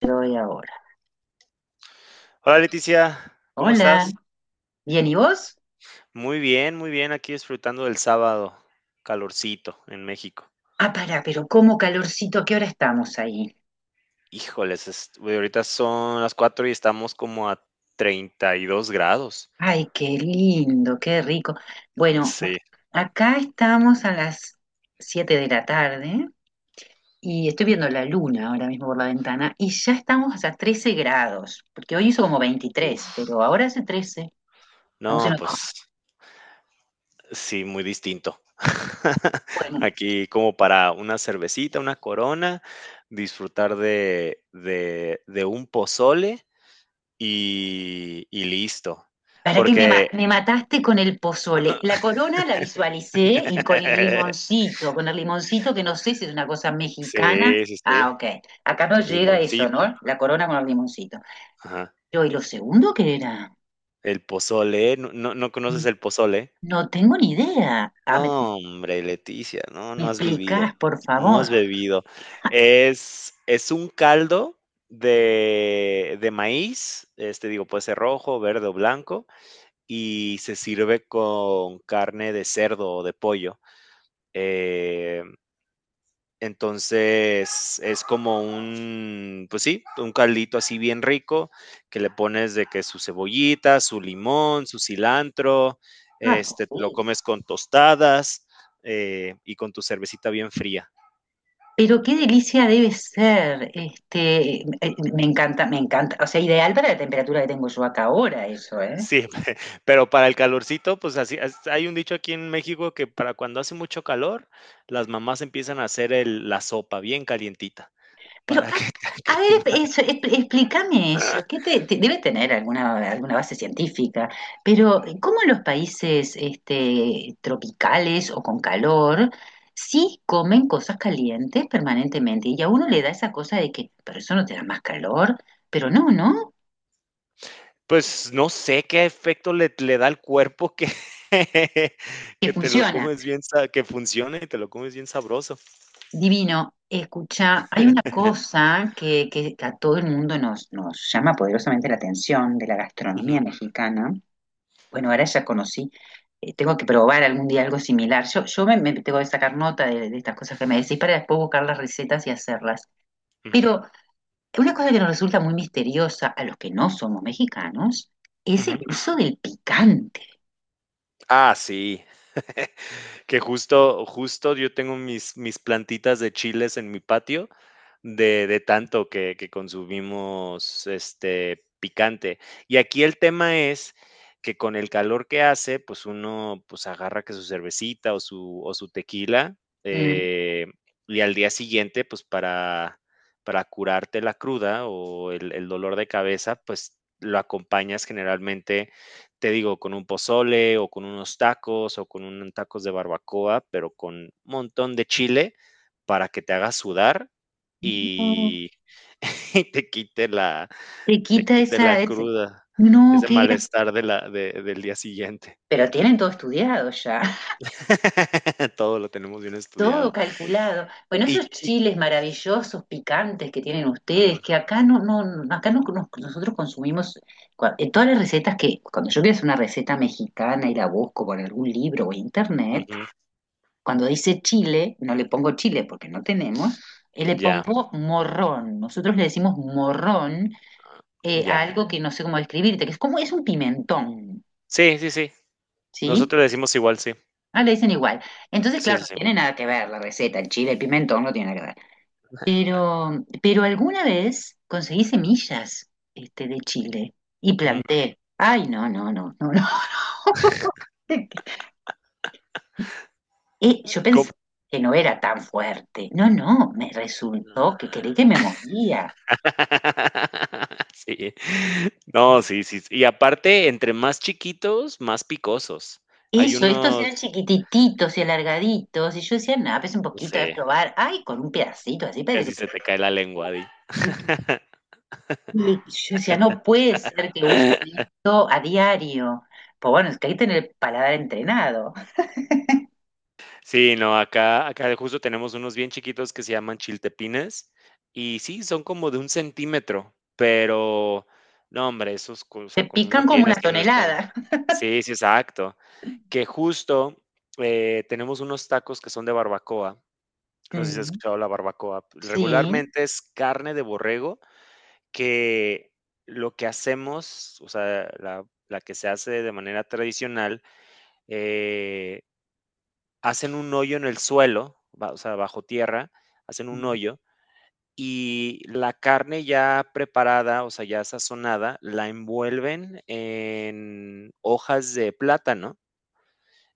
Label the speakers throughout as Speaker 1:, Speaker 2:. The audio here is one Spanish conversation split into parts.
Speaker 1: Doy ahora.
Speaker 2: Hola Leticia, ¿cómo
Speaker 1: Hola.
Speaker 2: estás?
Speaker 1: Bien, ¿y vos?
Speaker 2: Muy bien, aquí disfrutando del sábado, calorcito en México.
Speaker 1: Ah, pará, pero cómo calorcito, ¿a qué hora estamos ahí?
Speaker 2: Híjoles, güey, ahorita son las 4 y estamos como a 32 grados.
Speaker 1: Ay, qué lindo, qué rico. Bueno,
Speaker 2: Sí,
Speaker 1: acá estamos a las 7 de la tarde y estoy viendo la luna ahora mismo por la ventana y ya estamos a 13 grados, porque hoy hizo como 23
Speaker 2: uff.
Speaker 1: pero ahora hace 13. Estamos en
Speaker 2: No,
Speaker 1: otoño.
Speaker 2: pues sí, muy distinto.
Speaker 1: Bueno,
Speaker 2: Aquí como para una cervecita, una corona, disfrutar de un pozole y listo.
Speaker 1: para que me, ma-
Speaker 2: Porque,
Speaker 1: me mataste con el pozole. La corona la visualicé y con el limoncito que no sé si es una cosa mexicana.
Speaker 2: sí, sí,
Speaker 1: Ah,
Speaker 2: sí.
Speaker 1: ok. Acá no llega eso,
Speaker 2: Limoncito,
Speaker 1: ¿no? La corona con el limoncito.
Speaker 2: ajá.
Speaker 1: Yo, ¿y lo segundo qué era?
Speaker 2: El pozole, ¿no conoces el pozole?
Speaker 1: No tengo ni idea. Ah, me,
Speaker 2: No, hombre, Leticia, no,
Speaker 1: me
Speaker 2: no has vivido,
Speaker 1: explicás, por
Speaker 2: no
Speaker 1: favor.
Speaker 2: has bebido. Es un caldo de maíz, este, digo, puede ser rojo, verde o blanco, y se sirve con carne de cerdo o de pollo. Eh Entonces es como un, pues sí, un caldito así bien rico que le pones de que su cebollita, su limón, su cilantro,
Speaker 1: Ah,
Speaker 2: este, te lo
Speaker 1: sí,
Speaker 2: comes con tostadas, y con tu cervecita bien fría.
Speaker 1: pero qué delicia debe ser. Este, me encanta, me encanta. O sea, ideal para la temperatura que tengo yo acá ahora, eso, ¿eh?
Speaker 2: Sí, pero para el calorcito, pues así, hay un dicho aquí en México que para cuando hace mucho calor, las mamás empiezan a hacer la sopa bien calientita
Speaker 1: Pero,
Speaker 2: para que te
Speaker 1: a ver,
Speaker 2: aclimates.
Speaker 1: eso, explícame eso. ¿Qué debe tener alguna base científica, pero cómo en los países este, tropicales o con calor sí comen cosas calientes permanentemente? Y a uno le da esa cosa de que, pero eso no te da más calor, pero no, ¿no?
Speaker 2: Pues, no sé qué efecto le da al cuerpo que
Speaker 1: Que
Speaker 2: que te lo
Speaker 1: funciona.
Speaker 2: comes bien sa que funcione y te lo comes bien sabroso.
Speaker 1: Divino. Escucha, hay una cosa que a todo el mundo nos llama poderosamente la atención de la gastronomía
Speaker 2: Ujú,
Speaker 1: mexicana. Bueno, ahora ya conocí. Tengo que probar algún día algo similar. Yo, me tengo que sacar nota de estas cosas que me decís para después buscar las recetas y hacerlas.
Speaker 2: ujú,
Speaker 1: Pero una cosa que nos resulta muy misteriosa a los que no somos mexicanos es el
Speaker 2: ujú.
Speaker 1: uso del picante.
Speaker 2: Ah, sí. Que justo, justo yo tengo mis, mis plantitas de chiles en mi patio de tanto que consumimos este picante. Y aquí el tema es que con el calor que hace, pues uno pues agarra que su cervecita o su tequila
Speaker 1: Mm.
Speaker 2: eh, y al día siguiente, pues para curarte la cruda o el dolor de cabeza, pues lo acompañas generalmente te digo, con un pozole o con unos tacos o con unos tacos de barbacoa, pero con un montón de chile para que te haga sudar
Speaker 1: No,
Speaker 2: y, y
Speaker 1: te
Speaker 2: te
Speaker 1: quita
Speaker 2: quite la
Speaker 1: esa, ese-.
Speaker 2: cruda,
Speaker 1: No,
Speaker 2: ese
Speaker 1: qué gracia.
Speaker 2: malestar de la de del día siguiente.
Speaker 1: Pero tienen todo estudiado ya.
Speaker 2: Todo lo tenemos bien estudiado.
Speaker 1: Todo calculado. Bueno,
Speaker 2: Y
Speaker 1: esos
Speaker 2: y
Speaker 1: chiles maravillosos, picantes que tienen ustedes,
Speaker 2: ujú,
Speaker 1: que acá acá nosotros consumimos, en todas las recetas que, cuando yo quiero hacer una receta mexicana y la busco por algún libro o internet,
Speaker 2: ujú,
Speaker 1: cuando dice chile, no le pongo chile porque no tenemos, le
Speaker 2: ya,
Speaker 1: pongo morrón. Nosotros le decimos morrón a
Speaker 2: ya.
Speaker 1: algo que no sé cómo describirte, que es como es un pimentón,
Speaker 2: Sí, sí, sí.
Speaker 1: ¿sí?
Speaker 2: Nosotros le decimos igual, sí.
Speaker 1: Ah, le dicen igual. Entonces,
Speaker 2: Sí,
Speaker 1: claro,
Speaker 2: sí,
Speaker 1: no
Speaker 2: sí.
Speaker 1: tiene nada que ver la receta, el chile, el pimentón no tiene nada que ver. Pero alguna vez conseguí semillas, este, de Chile, y
Speaker 2: Ujú.
Speaker 1: planté. Ay, no, no, no, no, no. Yo pensé que no era tan fuerte. No, no, me resultó que creí que me moría.
Speaker 2: Sí. No, sí, sí, sí. Y aparte, entre más chiquitos, más picosos. Hay
Speaker 1: Eso, estos eran
Speaker 2: unos,
Speaker 1: chiquititos y alargaditos, y yo decía, nada, pues un
Speaker 2: no
Speaker 1: poquito de
Speaker 2: sé,
Speaker 1: probar. Ay, con un pedacito así, parece que
Speaker 2: casi
Speaker 1: se...
Speaker 2: se te cae la lengua de...
Speaker 1: Sí, y yo decía, no puede ser que usen esto a diario. Pues bueno, es que hay que tener el paladar entrenado.
Speaker 2: Sí, no, acá justo tenemos unos bien chiquitos que se llaman chiltepines, y sí, son como de un centímetro, pero no, hombre, esos co o
Speaker 1: Te
Speaker 2: sea, con uno
Speaker 1: pican como una
Speaker 2: tienes y no están...
Speaker 1: tonelada.
Speaker 2: Sí, sí, exacto. Que justo, tenemos unos tacos que son de barbacoa. No sé si has
Speaker 1: Mm,
Speaker 2: escuchado la barbacoa.
Speaker 1: sí.
Speaker 2: Regularmente es carne de borrego que lo que hacemos, o sea, la que se hace de manera tradicional, eh, hacen un hoyo en el suelo, ba o sea, bajo tierra, hacen un hoyo y la carne ya preparada, o sea, ya sazonada, la envuelven en hojas de plátano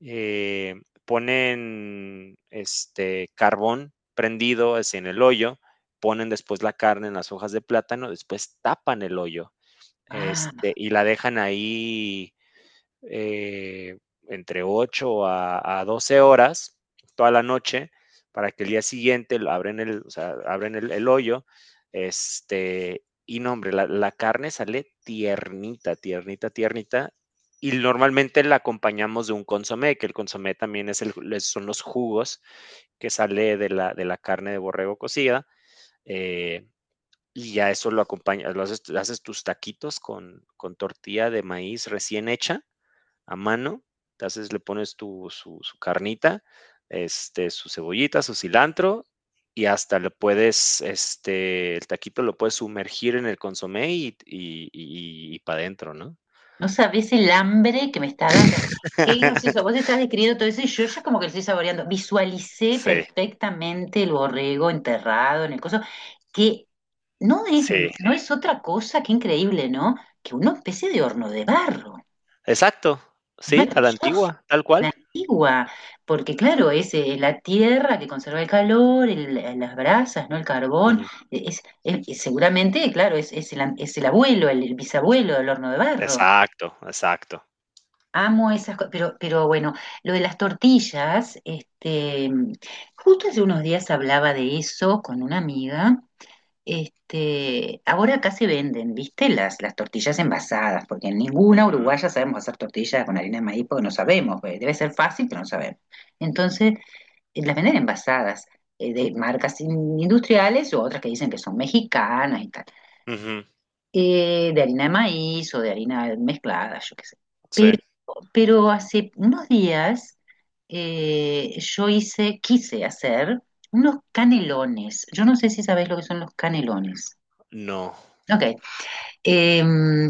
Speaker 2: eh, ponen este carbón prendido en el hoyo, ponen después la carne en las hojas de plátano, después tapan el hoyo
Speaker 1: Ah,
Speaker 2: este, y la dejan ahí eh, entre 8 a 12 horas toda la noche para que el día siguiente lo abren o sea, abren el hoyo. Este, y no, hombre, la carne sale tiernita, tiernita, tiernita. Y normalmente la acompañamos de un consomé, que el consomé también es el, son los jugos que sale de la carne de borrego cocida. Eh, y ya eso lo acompañas, lo haces, haces, tus taquitos con tortilla de maíz recién hecha a mano. Entonces le pones su carnita, este, su cebollita, su cilantro y hasta le puedes, este, el taquito lo puedes sumergir en el consomé y para adentro, ¿no?
Speaker 1: no sabés el hambre que me está dando. Qué gracioso. Vos estás describiendo todo eso y yo ya como que lo estoy saboreando. Visualicé
Speaker 2: Sí,
Speaker 1: perfectamente el borrego enterrado en el coso, que no es,
Speaker 2: sí,
Speaker 1: no es otra cosa que increíble, ¿no? Que una especie de horno de barro.
Speaker 2: exacto,
Speaker 1: Es
Speaker 2: sí, a la
Speaker 1: maravilloso.
Speaker 2: antigua, tal
Speaker 1: La
Speaker 2: cual.
Speaker 1: antigua, porque claro, es la tierra que conserva el calor, las brasas, ¿no? El carbón,
Speaker 2: Ujú.
Speaker 1: seguramente, claro, es el abuelo, el bisabuelo del horno de barro.
Speaker 2: Exacto, exacto.
Speaker 1: Amo esas cosas, pero bueno, lo de las tortillas, este, justo hace unos días hablaba de eso con una amiga, este, ahora acá se venden, ¿viste? Las tortillas envasadas, porque en ninguna
Speaker 2: Ujú,
Speaker 1: uruguaya sabemos hacer tortillas con harina de maíz porque no sabemos, pues, debe ser fácil, pero no sabemos. Entonces, las venden envasadas, de marcas industriales o otras que dicen que son mexicanas y tal,
Speaker 2: ujú,
Speaker 1: de harina de maíz o de harina mezclada, yo qué sé.
Speaker 2: sí,
Speaker 1: Pero, pero hace unos días, yo hice, quise hacer unos canelones. Yo no sé si sabés lo que son los canelones.
Speaker 2: no,
Speaker 1: Ok, eh,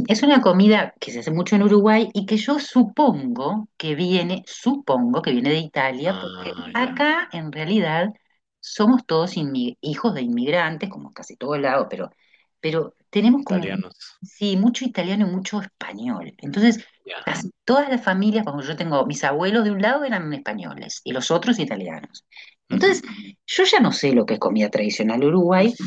Speaker 1: es una comida que se hace mucho en Uruguay y que yo supongo que viene de Italia, porque
Speaker 2: ah, ya,
Speaker 1: acá en realidad somos todos hijos de inmigrantes, como en casi todo el lado, pero tenemos como,
Speaker 2: italianos,
Speaker 1: sí, mucho italiano y mucho español. Entonces,
Speaker 2: ya.
Speaker 1: casi todas las familias, como yo tengo, mis abuelos de un lado eran españoles y los otros italianos.
Speaker 2: Ujú,
Speaker 1: Entonces, yo ya no sé lo que es comida tradicional uruguay,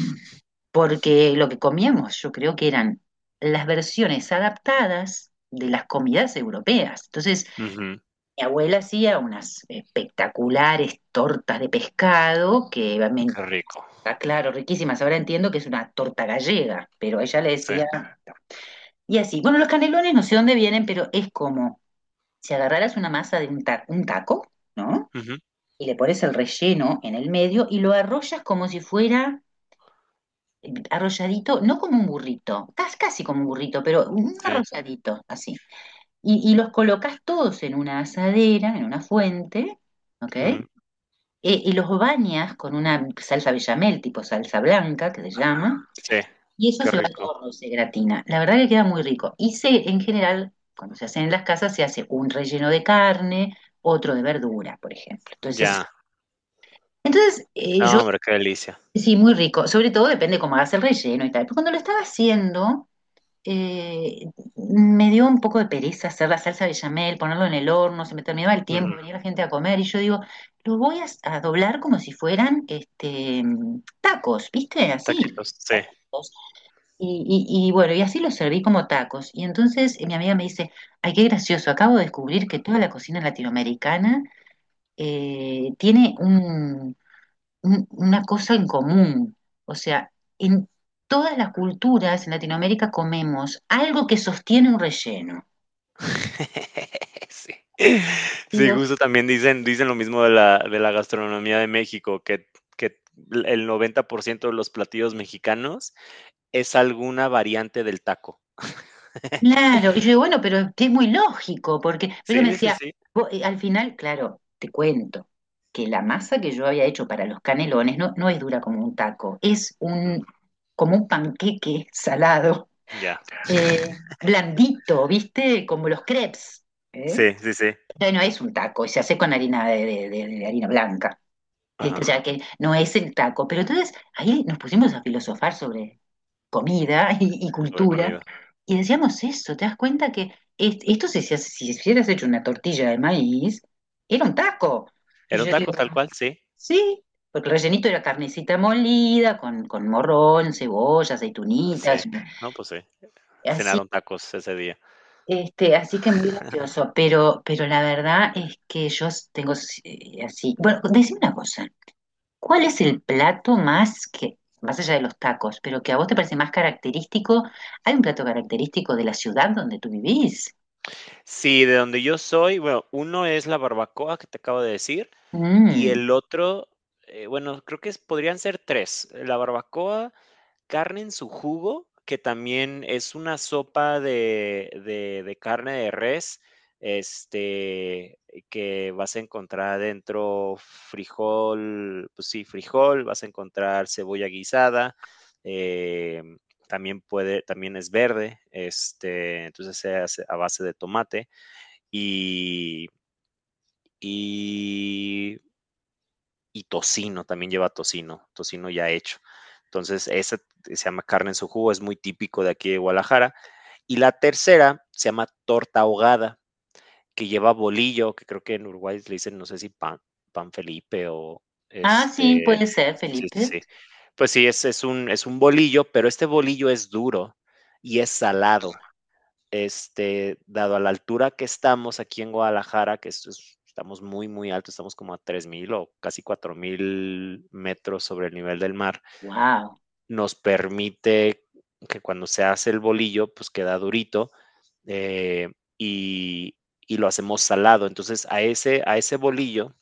Speaker 1: porque lo que comíamos yo creo que eran las versiones adaptadas de las comidas europeas. Entonces,
Speaker 2: ujú,
Speaker 1: mi abuela hacía unas espectaculares tortas de pescado que, me-.
Speaker 2: qué rico,
Speaker 1: Ah, claro, riquísimas. Ahora entiendo que es una torta gallega, pero ella le
Speaker 2: sí,
Speaker 1: decía... Y así, bueno, los canelones no sé dónde vienen, pero es como si agarraras una masa de un taco, ¿no?
Speaker 2: ujú,
Speaker 1: Y le pones el relleno en el medio y lo arrollas como si fuera arrolladito, no como un burrito, casi como un burrito, pero un
Speaker 2: sí.
Speaker 1: arrolladito, así. Y los colocas todos en una asadera, en una fuente, ¿ok? E-
Speaker 2: Ujú.
Speaker 1: y los bañas con una salsa bechamel, tipo salsa blanca, que se llama,
Speaker 2: Sí,
Speaker 1: y eso
Speaker 2: qué
Speaker 1: se va al
Speaker 2: rico.
Speaker 1: horno y se gratina. La verdad que queda muy rico. Y en general, cuando se hacen en las casas, se hace un relleno de carne, otro de verdura, por ejemplo. Entonces,
Speaker 2: Ya.
Speaker 1: entonces yo...
Speaker 2: No, hombre, qué delicia.
Speaker 1: Sí, muy rico. Sobre todo depende cómo hagas el relleno y tal. Pero cuando lo estaba haciendo, eh, me dio un poco de pereza hacer la salsa bechamel, ponerlo en el horno, se me terminaba el tiempo,
Speaker 2: Ujú.
Speaker 1: venía la gente a comer y yo digo, lo voy a doblar como si fueran este, tacos, ¿viste? Así.
Speaker 2: Taquitos, sí.
Speaker 1: Y bueno, y así los serví como tacos. Y entonces, mi amiga me dice, ay, qué gracioso, acabo de descubrir que toda la cocina latinoamericana, tiene una cosa en común. O sea, en todas las culturas en Latinoamérica comemos algo que sostiene un relleno.
Speaker 2: Sí. Sí,
Speaker 1: Digo,
Speaker 2: justo también dicen lo mismo de la gastronomía de México, que el 90% de los platillos mexicanos es alguna variante del taco.
Speaker 1: claro. Y yo digo, bueno, pero es muy lógico, porque pero ella me
Speaker 2: Sí, sí,
Speaker 1: decía,
Speaker 2: sí.
Speaker 1: "Vos", al final, claro, te cuento que la masa que yo había hecho para los canelones no es dura como un taco, es
Speaker 2: Ujú.
Speaker 1: un, como un panqueque salado,
Speaker 2: Ya.
Speaker 1: blandito, ¿viste? Como los crepes. ¿Eh?
Speaker 2: Sí, sí, sí.
Speaker 1: O no es un taco, y se hace con harina de harina blanca. Este, o
Speaker 2: Ajá,
Speaker 1: sea que no es el taco. Pero entonces ahí nos pusimos a filosofar sobre comida y
Speaker 2: sobre
Speaker 1: cultura,
Speaker 2: comida.
Speaker 1: y decíamos eso, ¿te das cuenta que esto si hubieras hecho una tortilla de maíz, era un taco? Y
Speaker 2: Era un
Speaker 1: yo digo,
Speaker 2: taco tal cual, sí.
Speaker 1: sí, porque el rellenito era carnecita molida, con morrón, cebolla,
Speaker 2: Sí.
Speaker 1: aceitunitas,
Speaker 2: No, pues sí.
Speaker 1: así,
Speaker 2: Cenaron tacos ese día.
Speaker 1: este, así que muy gracioso. Pero la verdad es que yo tengo, así. Bueno, decime una cosa. ¿Cuál es el plato más que, más allá de los tacos, pero que a vos te parece más característico? ¿Hay un plato característico de la ciudad donde tú vivís?
Speaker 2: Sí, de donde yo soy, bueno, uno es la barbacoa que te acabo de decir y
Speaker 1: Mm.
Speaker 2: el otro, bueno, creo que podrían ser tres. La barbacoa, carne en su jugo, que también es una sopa de, de carne de res, este, que vas a encontrar dentro frijol, pues sí, frijol, vas a encontrar cebolla guisada, eh, también puede, también es verde, este, entonces se hace a base de tomate y, y y tocino, también lleva tocino, tocino ya hecho. Entonces, esa se llama carne en su jugo, es muy típico de aquí de Guadalajara. Y la tercera se llama torta ahogada, que lleva bolillo, que creo que en Uruguay le dicen, no sé si pan, pan Felipe o
Speaker 1: Ah, sí,
Speaker 2: este,
Speaker 1: puede ser,
Speaker 2: sí,
Speaker 1: Felipe.
Speaker 2: sí, sí. Pues sí, es un bolillo, pero este bolillo es duro y es salado este, dado a la altura que estamos aquí en Guadalajara, que estamos muy, muy alto, estamos como a 3000 o casi 4000 metros sobre el nivel del mar,
Speaker 1: Wow.
Speaker 2: nos permite que cuando se hace el bolillo, pues queda durito eh, y, y lo hacemos salado. Entonces a ese bolillo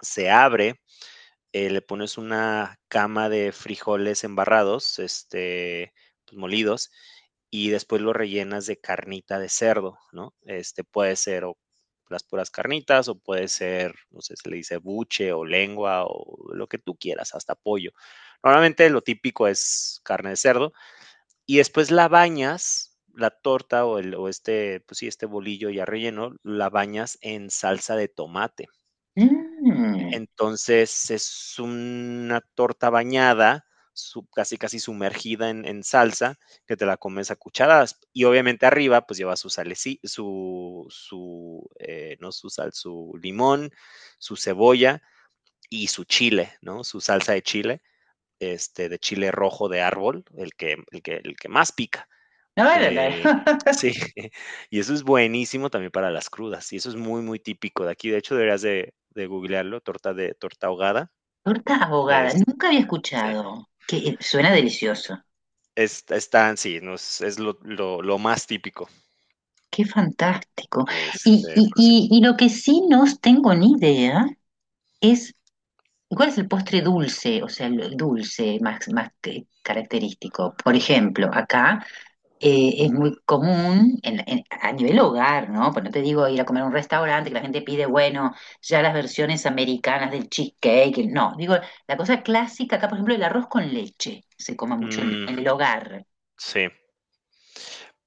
Speaker 2: se abre le pones una cama de frijoles embarrados, este, pues, molidos, y después lo rellenas de carnita de cerdo, ¿no? Este puede ser o las puras carnitas o puede ser, no sé, se le dice buche o lengua o lo que tú quieras, hasta pollo. Normalmente lo típico es carne de cerdo y después la bañas, la torta o este, pues sí, este bolillo ya relleno, la bañas en salsa de tomate.
Speaker 1: Mm.
Speaker 2: Entonces, es una torta bañada, sub casi, casi sumergida en salsa, que te la comes a cucharadas. Y obviamente arriba, pues lleva su saleci su su, no su sal, su limón, su cebolla y su chile, ¿no? Su salsa de chile, este, de chile rojo de árbol, el que el que más pica.
Speaker 1: No, no,
Speaker 2: Eh,
Speaker 1: no.
Speaker 2: sí, y eso es buenísimo también para las crudas, y eso es muy, muy típico de aquí. De hecho, deberías de googlearlo, torta ahogada.
Speaker 1: Torta abogada,
Speaker 2: Es
Speaker 1: nunca había
Speaker 2: Sí,
Speaker 1: escuchado. Que suena delicioso.
Speaker 2: es están sí, nos es lo lo más típico,
Speaker 1: Qué fantástico.
Speaker 2: este,
Speaker 1: Y,
Speaker 2: pero
Speaker 1: y,
Speaker 2: sí.
Speaker 1: y, y lo que sí no tengo ni idea es, ¿cuál es el postre dulce? O sea, el dulce más característico. Por ejemplo, acá, es
Speaker 2: Ujú.
Speaker 1: muy común a nivel hogar, ¿no? Pues no te digo ir a comer a un restaurante que la gente pide, bueno, ya las versiones americanas del cheesecake. No, digo, la cosa clásica acá, por ejemplo, el arroz con leche se come mucho en,
Speaker 2: Mm,
Speaker 1: en el hogar.
Speaker 2: sí.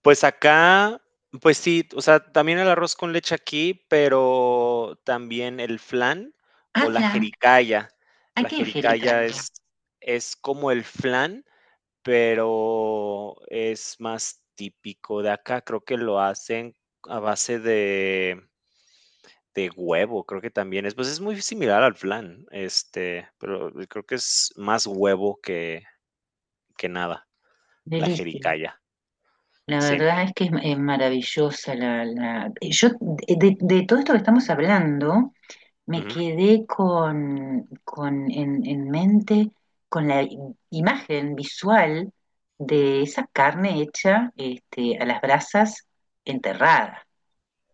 Speaker 2: Pues acá, pues sí, o sea, también el arroz con leche aquí, pero también el flan
Speaker 1: Ah,
Speaker 2: o la
Speaker 1: flan,
Speaker 2: jericaya.
Speaker 1: ¿a
Speaker 2: La
Speaker 1: qué, Angélica?
Speaker 2: jericaya es es como el flan, pero es más típico de acá, creo que lo hacen a base de... De huevo, creo que también es, pues, es muy similar al flan, este, pero creo que es más huevo que nada, la
Speaker 1: Delicia.
Speaker 2: jericaya,
Speaker 1: La
Speaker 2: sí.
Speaker 1: verdad es que es maravillosa yo, de todo esto que estamos hablando, me
Speaker 2: Ujú.
Speaker 1: quedé con en mente con la imagen visual de esa carne hecha este, a las brasas enterrada.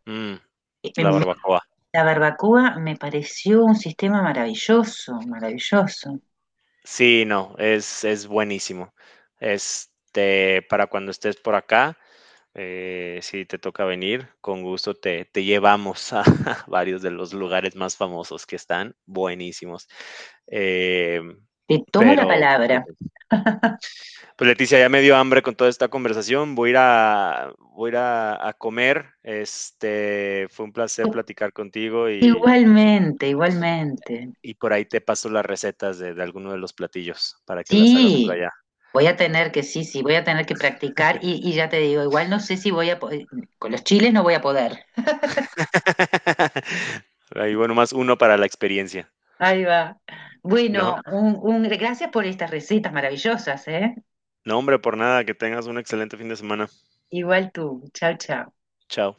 Speaker 2: Mm,
Speaker 1: Eh, em,
Speaker 2: la barbacoa.
Speaker 1: La barbacoa me pareció un sistema maravilloso, maravilloso.
Speaker 2: Sí, no, es buenísimo. Este, para cuando estés por acá, si te toca venir, con gusto te llevamos a varios de los lugares más famosos que están buenísimos. Em,
Speaker 1: Te tomo la
Speaker 2: pero
Speaker 1: palabra.
Speaker 2: pues Leticia, ya me dio hambre con toda esta conversación. Voy a ir a, voy a, ir a comer. Este, fue un placer platicar contigo
Speaker 1: Igualmente, igualmente.
Speaker 2: y por ahí te paso las recetas de alguno de los platillos para que las hagas por
Speaker 1: Sí,
Speaker 2: allá.
Speaker 1: voy a tener que, sí, sí, voy a tener que practicar y ya te digo, igual no sé si voy a, con los chiles no voy a poder.
Speaker 2: Ahí, bueno, más uno para la experiencia,
Speaker 1: Ahí va.
Speaker 2: ¿no?
Speaker 1: Bueno, gracias por estas recetas maravillosas, ¿eh?
Speaker 2: No, hombre, por nada, que tengas un excelente fin de semana.
Speaker 1: Igual tú, chao, chao.
Speaker 2: Chao.